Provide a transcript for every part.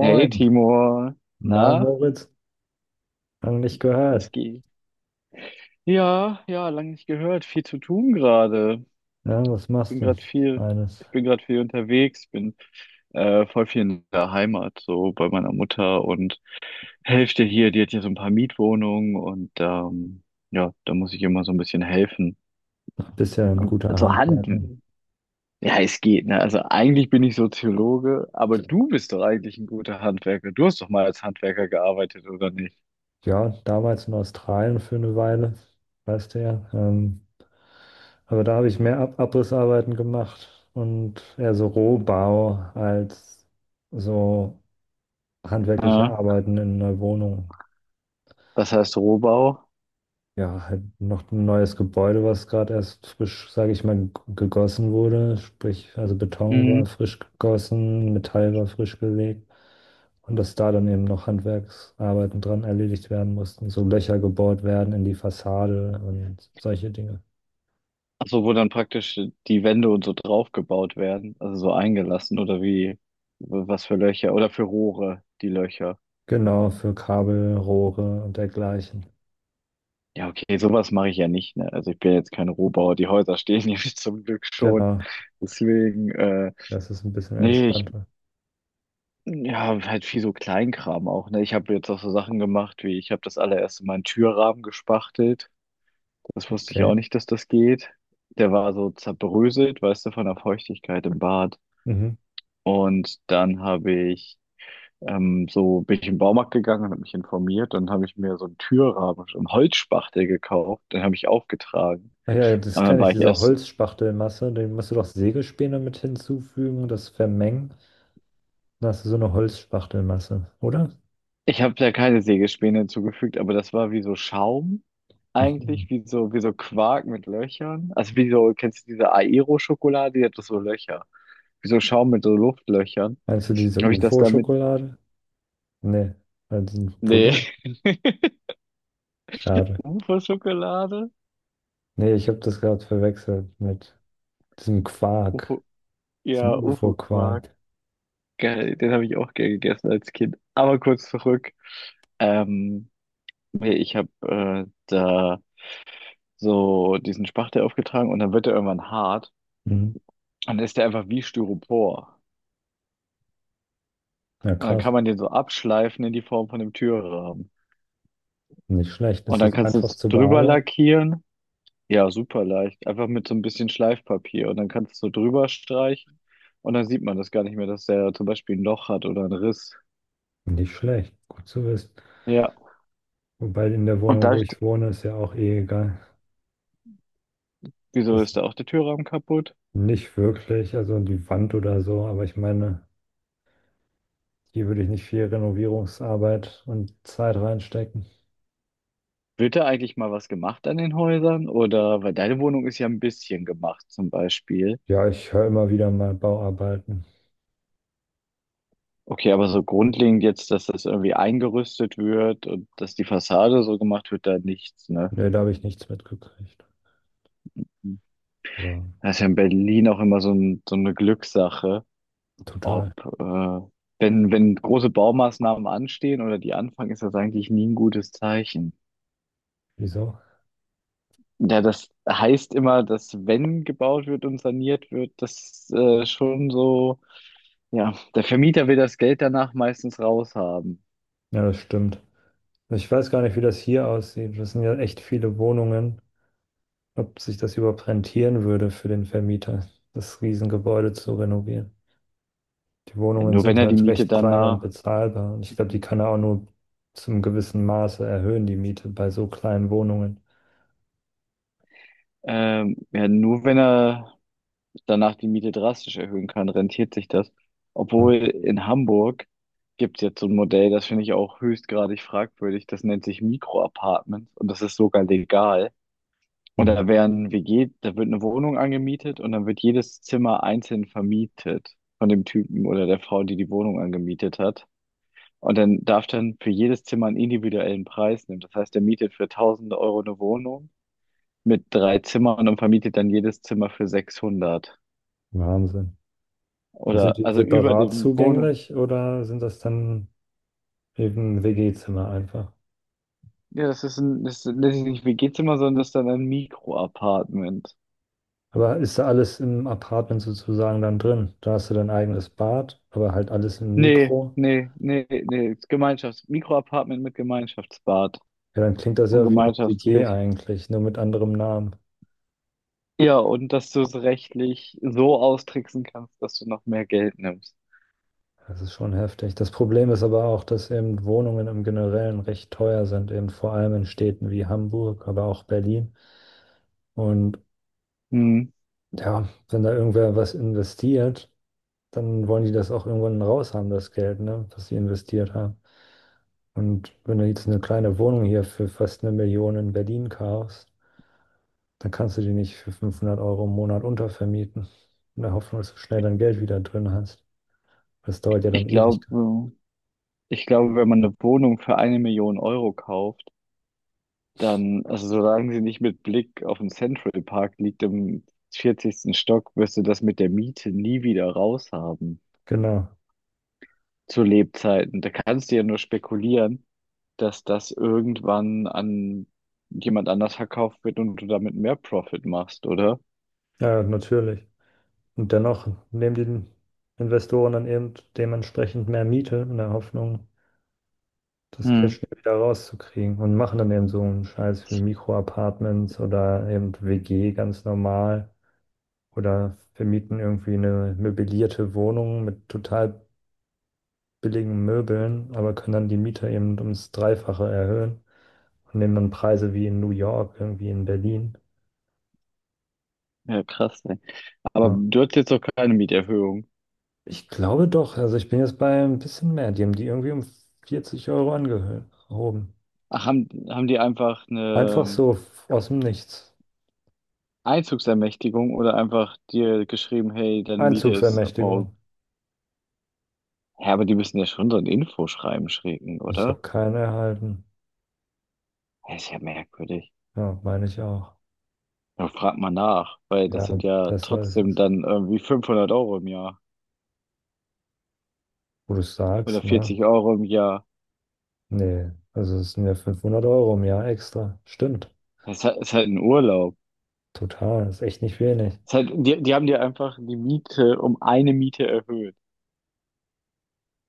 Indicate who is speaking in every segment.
Speaker 1: Hey Timur,
Speaker 2: na
Speaker 1: na,
Speaker 2: Moritz, lang nicht
Speaker 1: was
Speaker 2: gehört.
Speaker 1: geht? Ja, ja, lange nicht gehört. Viel zu tun gerade.
Speaker 2: Ja, was machst
Speaker 1: Bin
Speaker 2: du?
Speaker 1: gerade viel,
Speaker 2: Eines.
Speaker 1: Ich bin gerade viel unterwegs, bin voll viel in der Heimat, so bei meiner Mutter und Hälfte hier, die hat hier so ein paar Mietwohnungen und ja, da muss ich immer so ein bisschen helfen.
Speaker 2: Bist ja ein guter
Speaker 1: Also Hand,
Speaker 2: Handwerker.
Speaker 1: ja, es geht, ne? Also eigentlich bin ich Soziologe, aber du bist doch eigentlich ein guter Handwerker. Du hast doch mal als Handwerker gearbeitet, oder nicht?
Speaker 2: Ja, damals in Australien für eine Weile, weißt du ja. Aber da habe ich mehr Ab Abrissarbeiten gemacht und eher so Rohbau als so handwerkliche
Speaker 1: Ja,
Speaker 2: Arbeiten in einer Wohnung.
Speaker 1: das heißt Rohbau.
Speaker 2: Ja, halt noch ein neues Gebäude, was gerade erst frisch, sage ich mal, gegossen wurde. Sprich, also Beton war
Speaker 1: Mhm.
Speaker 2: frisch gegossen, Metall war frisch gelegt. Und dass da dann eben noch Handwerksarbeiten dran erledigt werden mussten, so Löcher gebohrt werden in die Fassade und solche Dinge.
Speaker 1: Also wo dann praktisch die Wände und so draufgebaut werden, also so eingelassen oder wie, was für Löcher oder für Rohre, die Löcher.
Speaker 2: Genau, für Kabel, Rohre und dergleichen.
Speaker 1: Ja, okay, sowas mache ich ja nicht, ne? Also ich bin jetzt kein Rohbauer, die Häuser stehen hier zum Glück schon.
Speaker 2: Genau,
Speaker 1: Deswegen,
Speaker 2: das ist ein bisschen
Speaker 1: nee,
Speaker 2: entspannter.
Speaker 1: ja, halt viel so Kleinkram auch, ne? Ich habe jetzt auch so Sachen gemacht, wie ich habe das allererste Mal einen Türrahmen gespachtelt. Das wusste ich
Speaker 2: Okay.
Speaker 1: auch nicht, dass das geht. Der war so zerbröselt, weißt du, von der Feuchtigkeit im Bad.
Speaker 2: Mhm.
Speaker 1: Und dann habe ich so bin ich in den Baumarkt gegangen und habe mich informiert. Dann habe ich mir so einen Türrahmen, so einen Holzspachtel gekauft. Den habe ich aufgetragen.
Speaker 2: Ach ja, das
Speaker 1: Und dann
Speaker 2: kenne
Speaker 1: war
Speaker 2: ich,
Speaker 1: ich
Speaker 2: diese
Speaker 1: erst,
Speaker 2: Holzspachtelmasse, die musst du doch Sägespäne mit hinzufügen und das vermengen. Dann hast du so eine Holzspachtelmasse, oder?
Speaker 1: Ich habe da keine Sägespäne hinzugefügt, aber das war wie so Schaum
Speaker 2: Mhm.
Speaker 1: eigentlich, wie so Quark mit Löchern. Also wie so, kennst du diese Aero-Schokolade, die hat doch so Löcher. Wie so Schaum mit so Luftlöchern.
Speaker 2: Meinst du diese
Speaker 1: Dann Habe ich das damit,
Speaker 2: UFO-Schokolade? Nee, also ein
Speaker 1: Nee,
Speaker 2: Pudding? Schade.
Speaker 1: UFO-Schokolade?
Speaker 2: Nee, ich habe das gerade verwechselt mit diesem Quark,
Speaker 1: UFO,
Speaker 2: diesem
Speaker 1: ja, UFO-Quark.
Speaker 2: UFO-Quark.
Speaker 1: Geil, den habe ich auch gern gegessen als Kind. Aber kurz zurück. Ähm, Nee, ich habe da so diesen Spachtel aufgetragen und dann wird er irgendwann hart
Speaker 2: Mhm.
Speaker 1: und dann ist der einfach wie Styropor.
Speaker 2: Ja,
Speaker 1: Und dann
Speaker 2: krass.
Speaker 1: kann man den so abschleifen in die Form von einem Türrahmen.
Speaker 2: Nicht schlecht.
Speaker 1: Und
Speaker 2: Ist
Speaker 1: dann
Speaker 2: das
Speaker 1: kannst du
Speaker 2: einfach
Speaker 1: es
Speaker 2: zu
Speaker 1: drüber
Speaker 2: bearbeiten?
Speaker 1: lackieren. Ja, super leicht. Einfach mit so ein bisschen Schleifpapier. Und dann kannst du es so drüber streichen. Und dann sieht man das gar nicht mehr, dass der zum Beispiel ein Loch hat oder einen Riss.
Speaker 2: Nicht schlecht. Gut zu wissen.
Speaker 1: Ja.
Speaker 2: Wobei in der
Speaker 1: Und
Speaker 2: Wohnung,
Speaker 1: da,
Speaker 2: wo ich wohne, ist ja auch eh egal.
Speaker 1: wieso
Speaker 2: Das
Speaker 1: ist da auch der Türrahmen kaputt?
Speaker 2: nicht wirklich, also die Wand oder so, aber ich meine, hier würde ich nicht viel Renovierungsarbeit und Zeit reinstecken.
Speaker 1: Wird da eigentlich mal was gemacht an den Häusern? Oder, weil deine Wohnung ist ja ein bisschen gemacht zum Beispiel.
Speaker 2: Ja, ich höre immer wieder mal Bauarbeiten.
Speaker 1: Okay, aber so grundlegend jetzt, dass das irgendwie eingerüstet wird und dass die Fassade so gemacht wird, da nichts, ne?
Speaker 2: Nee, da habe ich nichts mitgekriegt. Aber
Speaker 1: Das ist ja in Berlin auch immer so, so eine Glückssache, ob,
Speaker 2: total.
Speaker 1: äh, wenn, wenn große Baumaßnahmen anstehen oder die anfangen, ist das eigentlich nie ein gutes Zeichen.
Speaker 2: Wieso?
Speaker 1: Ja, das heißt immer, dass wenn gebaut wird und saniert wird, ja, der Vermieter will das Geld danach meistens raushaben.
Speaker 2: Ja, das stimmt. Ich weiß gar nicht, wie das hier aussieht. Das sind ja echt viele Wohnungen, ob sich das überhaupt rentieren würde für den Vermieter, das Riesengebäude zu renovieren. Die
Speaker 1: Ja,
Speaker 2: Wohnungen
Speaker 1: nur wenn
Speaker 2: sind
Speaker 1: er die
Speaker 2: halt
Speaker 1: Miete
Speaker 2: recht klein und
Speaker 1: danach,
Speaker 2: bezahlbar und ich glaube, die kann er auch nur zum gewissen Maße erhöhen, die Miete bei so kleinen Wohnungen.
Speaker 1: ja, nur wenn er danach die Miete drastisch erhöhen kann, rentiert sich das. Obwohl
Speaker 2: Ja.
Speaker 1: in Hamburg gibt es jetzt so ein Modell, das finde ich auch höchstgradig fragwürdig, das nennt sich Mikroapartments und das ist sogar legal. Und
Speaker 2: Mhm.
Speaker 1: da werden WG, da wird eine Wohnung angemietet und dann wird jedes Zimmer einzeln vermietet von dem Typen oder der Frau, die die Wohnung angemietet hat. Und dann darf dann für jedes Zimmer einen individuellen Preis nehmen. Das heißt, er mietet für tausende Euro eine Wohnung mit drei Zimmern und vermietet dann jedes Zimmer für sechshundert.
Speaker 2: Wahnsinn. Und sind
Speaker 1: Oder,
Speaker 2: die
Speaker 1: also über
Speaker 2: separat
Speaker 1: dem Wohnen.
Speaker 2: zugänglich oder sind das dann eben WG-Zimmer einfach?
Speaker 1: Ja, das nennt sich nicht WG-Zimmer, sondern das ist dann ein Mikroapartment.
Speaker 2: Aber ist da alles im Apartment sozusagen dann drin? Da hast du dein eigenes Bad, aber halt alles im
Speaker 1: Nee,
Speaker 2: Mikro.
Speaker 1: nee, nee, nee, Gemeinschafts-, Mikroapartment mit Gemeinschaftsbad
Speaker 2: Ja, dann klingt das
Speaker 1: und
Speaker 2: ja wie eine WG
Speaker 1: Gemeinschaftsküche.
Speaker 2: eigentlich, nur mit anderem Namen.
Speaker 1: Ja, und dass du es rechtlich so austricksen kannst, dass du noch mehr Geld nimmst.
Speaker 2: Das ist schon heftig. Das Problem ist aber auch, dass eben Wohnungen im Generellen recht teuer sind, eben vor allem in Städten wie Hamburg, aber auch Berlin. Und
Speaker 1: Hm.
Speaker 2: ja, wenn da irgendwer was investiert, dann wollen die das auch irgendwann raus haben, das Geld, ne, was sie investiert haben. Und wenn du jetzt eine kleine Wohnung hier für fast 1 Million in Berlin kaufst, dann kannst du die nicht für 500 Euro im Monat untervermieten. In der Hoffnung, dass du schnell dein Geld wieder drin hast. Das dauert ja dann
Speaker 1: Ich
Speaker 2: ewig.
Speaker 1: glaube, Ich glaube, wenn man eine Wohnung für eine Million Euro kauft, dann, also solange sie nicht mit Blick auf den Central Park liegt im vierzigsten Stock, wirst du das mit der Miete nie wieder raushaben
Speaker 2: Genau.
Speaker 1: zu Lebzeiten. Da kannst du ja nur spekulieren, dass das irgendwann an jemand anders verkauft wird und du damit mehr Profit machst, oder?
Speaker 2: Ja, natürlich. Und dennoch nehmen die Investoren dann eben dementsprechend mehr Miete in der Hoffnung, das Geld
Speaker 1: Hm.
Speaker 2: schnell wieder rauszukriegen und machen dann eben so einen Scheiß wie Mikroapartments oder eben WG ganz normal oder vermieten irgendwie eine möblierte Wohnung mit total billigen Möbeln, aber können dann die Miete eben ums Dreifache erhöhen und nehmen dann Preise wie in New York, irgendwie in Berlin.
Speaker 1: Ja, krass, aber
Speaker 2: Ja.
Speaker 1: du hattest jetzt doch keine Mieterhöhung.
Speaker 2: Ich glaube doch, also ich bin jetzt bei ein bisschen mehr, die haben die irgendwie um 40 Euro angehoben.
Speaker 1: Ach, haben die einfach
Speaker 2: Einfach
Speaker 1: eine
Speaker 2: so aus dem Nichts.
Speaker 1: Einzugsermächtigung oder einfach dir geschrieben, hey, deine Miete ist ab morgen.
Speaker 2: Einzugsermächtigung.
Speaker 1: Ja, aber die müssen ja schon so ein Infoschreiben schicken,
Speaker 2: Ich habe
Speaker 1: oder?
Speaker 2: keine erhalten.
Speaker 1: Das ist ja merkwürdig.
Speaker 2: Ja, meine ich auch.
Speaker 1: Ja, frag mal nach, weil das
Speaker 2: Ja,
Speaker 1: sind ja
Speaker 2: besser ist
Speaker 1: trotzdem
Speaker 2: es.
Speaker 1: dann irgendwie 500 Euro im Jahr
Speaker 2: Wo du
Speaker 1: oder
Speaker 2: sagst, ne?
Speaker 1: 40 Euro im Jahr.
Speaker 2: Nee, also es sind ja 500 Euro im Jahr extra. Stimmt.
Speaker 1: Das ist halt ein Urlaub.
Speaker 2: Total. Ist echt nicht wenig.
Speaker 1: Ist halt, die haben dir einfach die Miete um eine Miete erhöht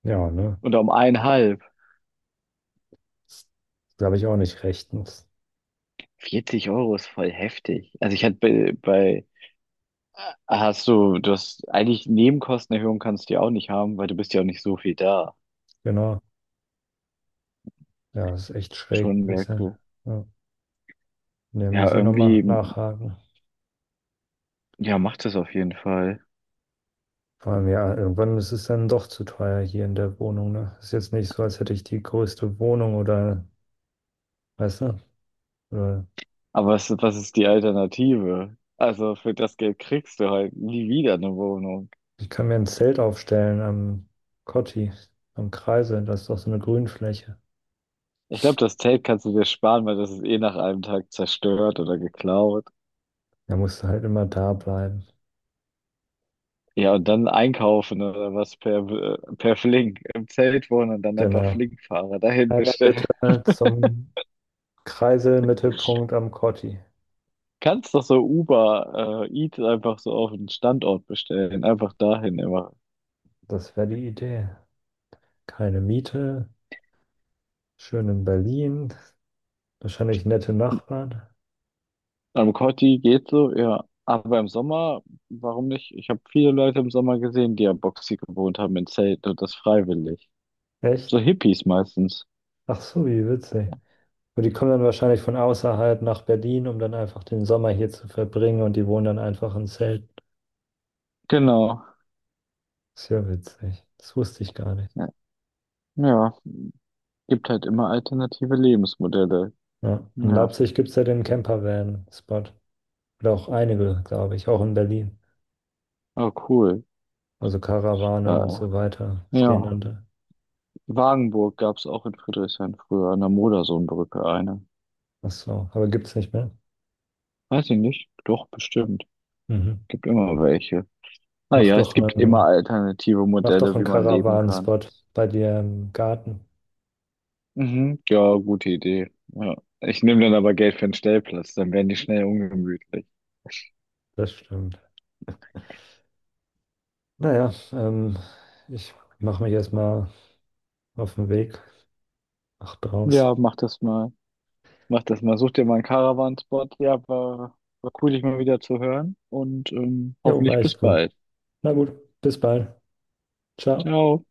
Speaker 2: Ja, ne?
Speaker 1: oder um eineinhalb.
Speaker 2: Das glaube ich auch nicht rechtens.
Speaker 1: Vierzig Euro ist voll heftig. Also ich hatte bei. Hast du, du hast eigentlich Nebenkostenerhöhung kannst du ja auch nicht haben, weil du bist ja auch nicht so viel da.
Speaker 2: Genau. Ja, ist echt schräg
Speaker 1: Schon
Speaker 2: ein bisschen.
Speaker 1: Merkel.
Speaker 2: Ja. Ne,
Speaker 1: Ja,
Speaker 2: muss ich nochmal
Speaker 1: irgendwie,
Speaker 2: nachhaken.
Speaker 1: ja, macht das auf jeden Fall.
Speaker 2: Vor allem, ja, irgendwann ist es dann doch zu teuer hier in der Wohnung, ne? Ist jetzt nicht so, als hätte ich die größte Wohnung oder, weißt du? Äh,
Speaker 1: Aber was, was ist die Alternative? Also für das Geld kriegst du halt nie wieder eine Wohnung.
Speaker 2: Ich kann mir ein Zelt aufstellen am Kotti, am Kreisel. Das ist doch so eine Grünfläche.
Speaker 1: Ich glaube, das Zelt kannst du dir sparen, weil das ist eh nach einem Tag zerstört oder geklaut.
Speaker 2: Da musst du halt immer da bleiben.
Speaker 1: Ja, und dann einkaufen oder was per Flink. Im Zelt wohnen und dann einfach
Speaker 2: Genau.
Speaker 1: Flinkfahrer dahin
Speaker 2: Einmal bitte
Speaker 1: bestellen.
Speaker 2: zum Kreiselmittelpunkt am Kotti.
Speaker 1: Kannst doch so Uber Eats einfach so auf den Standort bestellen. Einfach dahin immer.
Speaker 2: Das wäre die Idee. Keine Miete, schön in Berlin, wahrscheinlich nette Nachbarn.
Speaker 1: Am Kotti geht so, ja. Aber im Sommer, warum nicht? Ich habe viele Leute im Sommer gesehen, die am Boxi gewohnt haben in Zelten und das freiwillig. So
Speaker 2: Echt?
Speaker 1: Hippies meistens.
Speaker 2: Ach so, wie witzig. Und die kommen dann wahrscheinlich von außerhalb nach Berlin, um dann einfach den Sommer hier zu verbringen und die wohnen dann einfach in Zelten.
Speaker 1: Genau.
Speaker 2: Ist ja witzig. Das wusste ich gar nicht.
Speaker 1: Ja. Ja. Gibt halt immer alternative Lebensmodelle.
Speaker 2: Ja. In
Speaker 1: Ja.
Speaker 2: Leipzig gibt es ja den Campervan-Spot. Oder auch einige, glaube ich, auch in Berlin.
Speaker 1: Oh, cool.
Speaker 2: Also Karawane und
Speaker 1: Ja.
Speaker 2: so weiter stehen dann
Speaker 1: Ja.
Speaker 2: da.
Speaker 1: Wagenburg gab es auch in Friedrichshain früher, an der Modersohnbrücke eine.
Speaker 2: Ach so, aber gibt es nicht mehr.
Speaker 1: Weiß ich nicht. Doch, bestimmt.
Speaker 2: Mhm.
Speaker 1: Gibt immer welche.
Speaker 2: Mach
Speaker 1: Naja, es
Speaker 2: doch
Speaker 1: gibt immer
Speaker 2: einen,
Speaker 1: alternative
Speaker 2: mach doch
Speaker 1: Modelle,
Speaker 2: einen
Speaker 1: wie man leben kann.
Speaker 2: Karawanen-Spot bei dir im Garten.
Speaker 1: Mhm, ja, gute Idee. Ja. Ich nehme dann aber Geld für einen Stellplatz, dann werden die schnell ungemütlich.
Speaker 2: Das stimmt. Naja, ich mache mich erstmal auf den Weg. Mach draus.
Speaker 1: Ja, mach das mal. Mach das mal. Such dir mal einen Caravan-Spot. Ja, war cool, dich mal wieder zu hören und
Speaker 2: Jo, war
Speaker 1: hoffentlich bis
Speaker 2: echt gut.
Speaker 1: bald.
Speaker 2: Na gut, bis bald. Ciao.
Speaker 1: Ciao.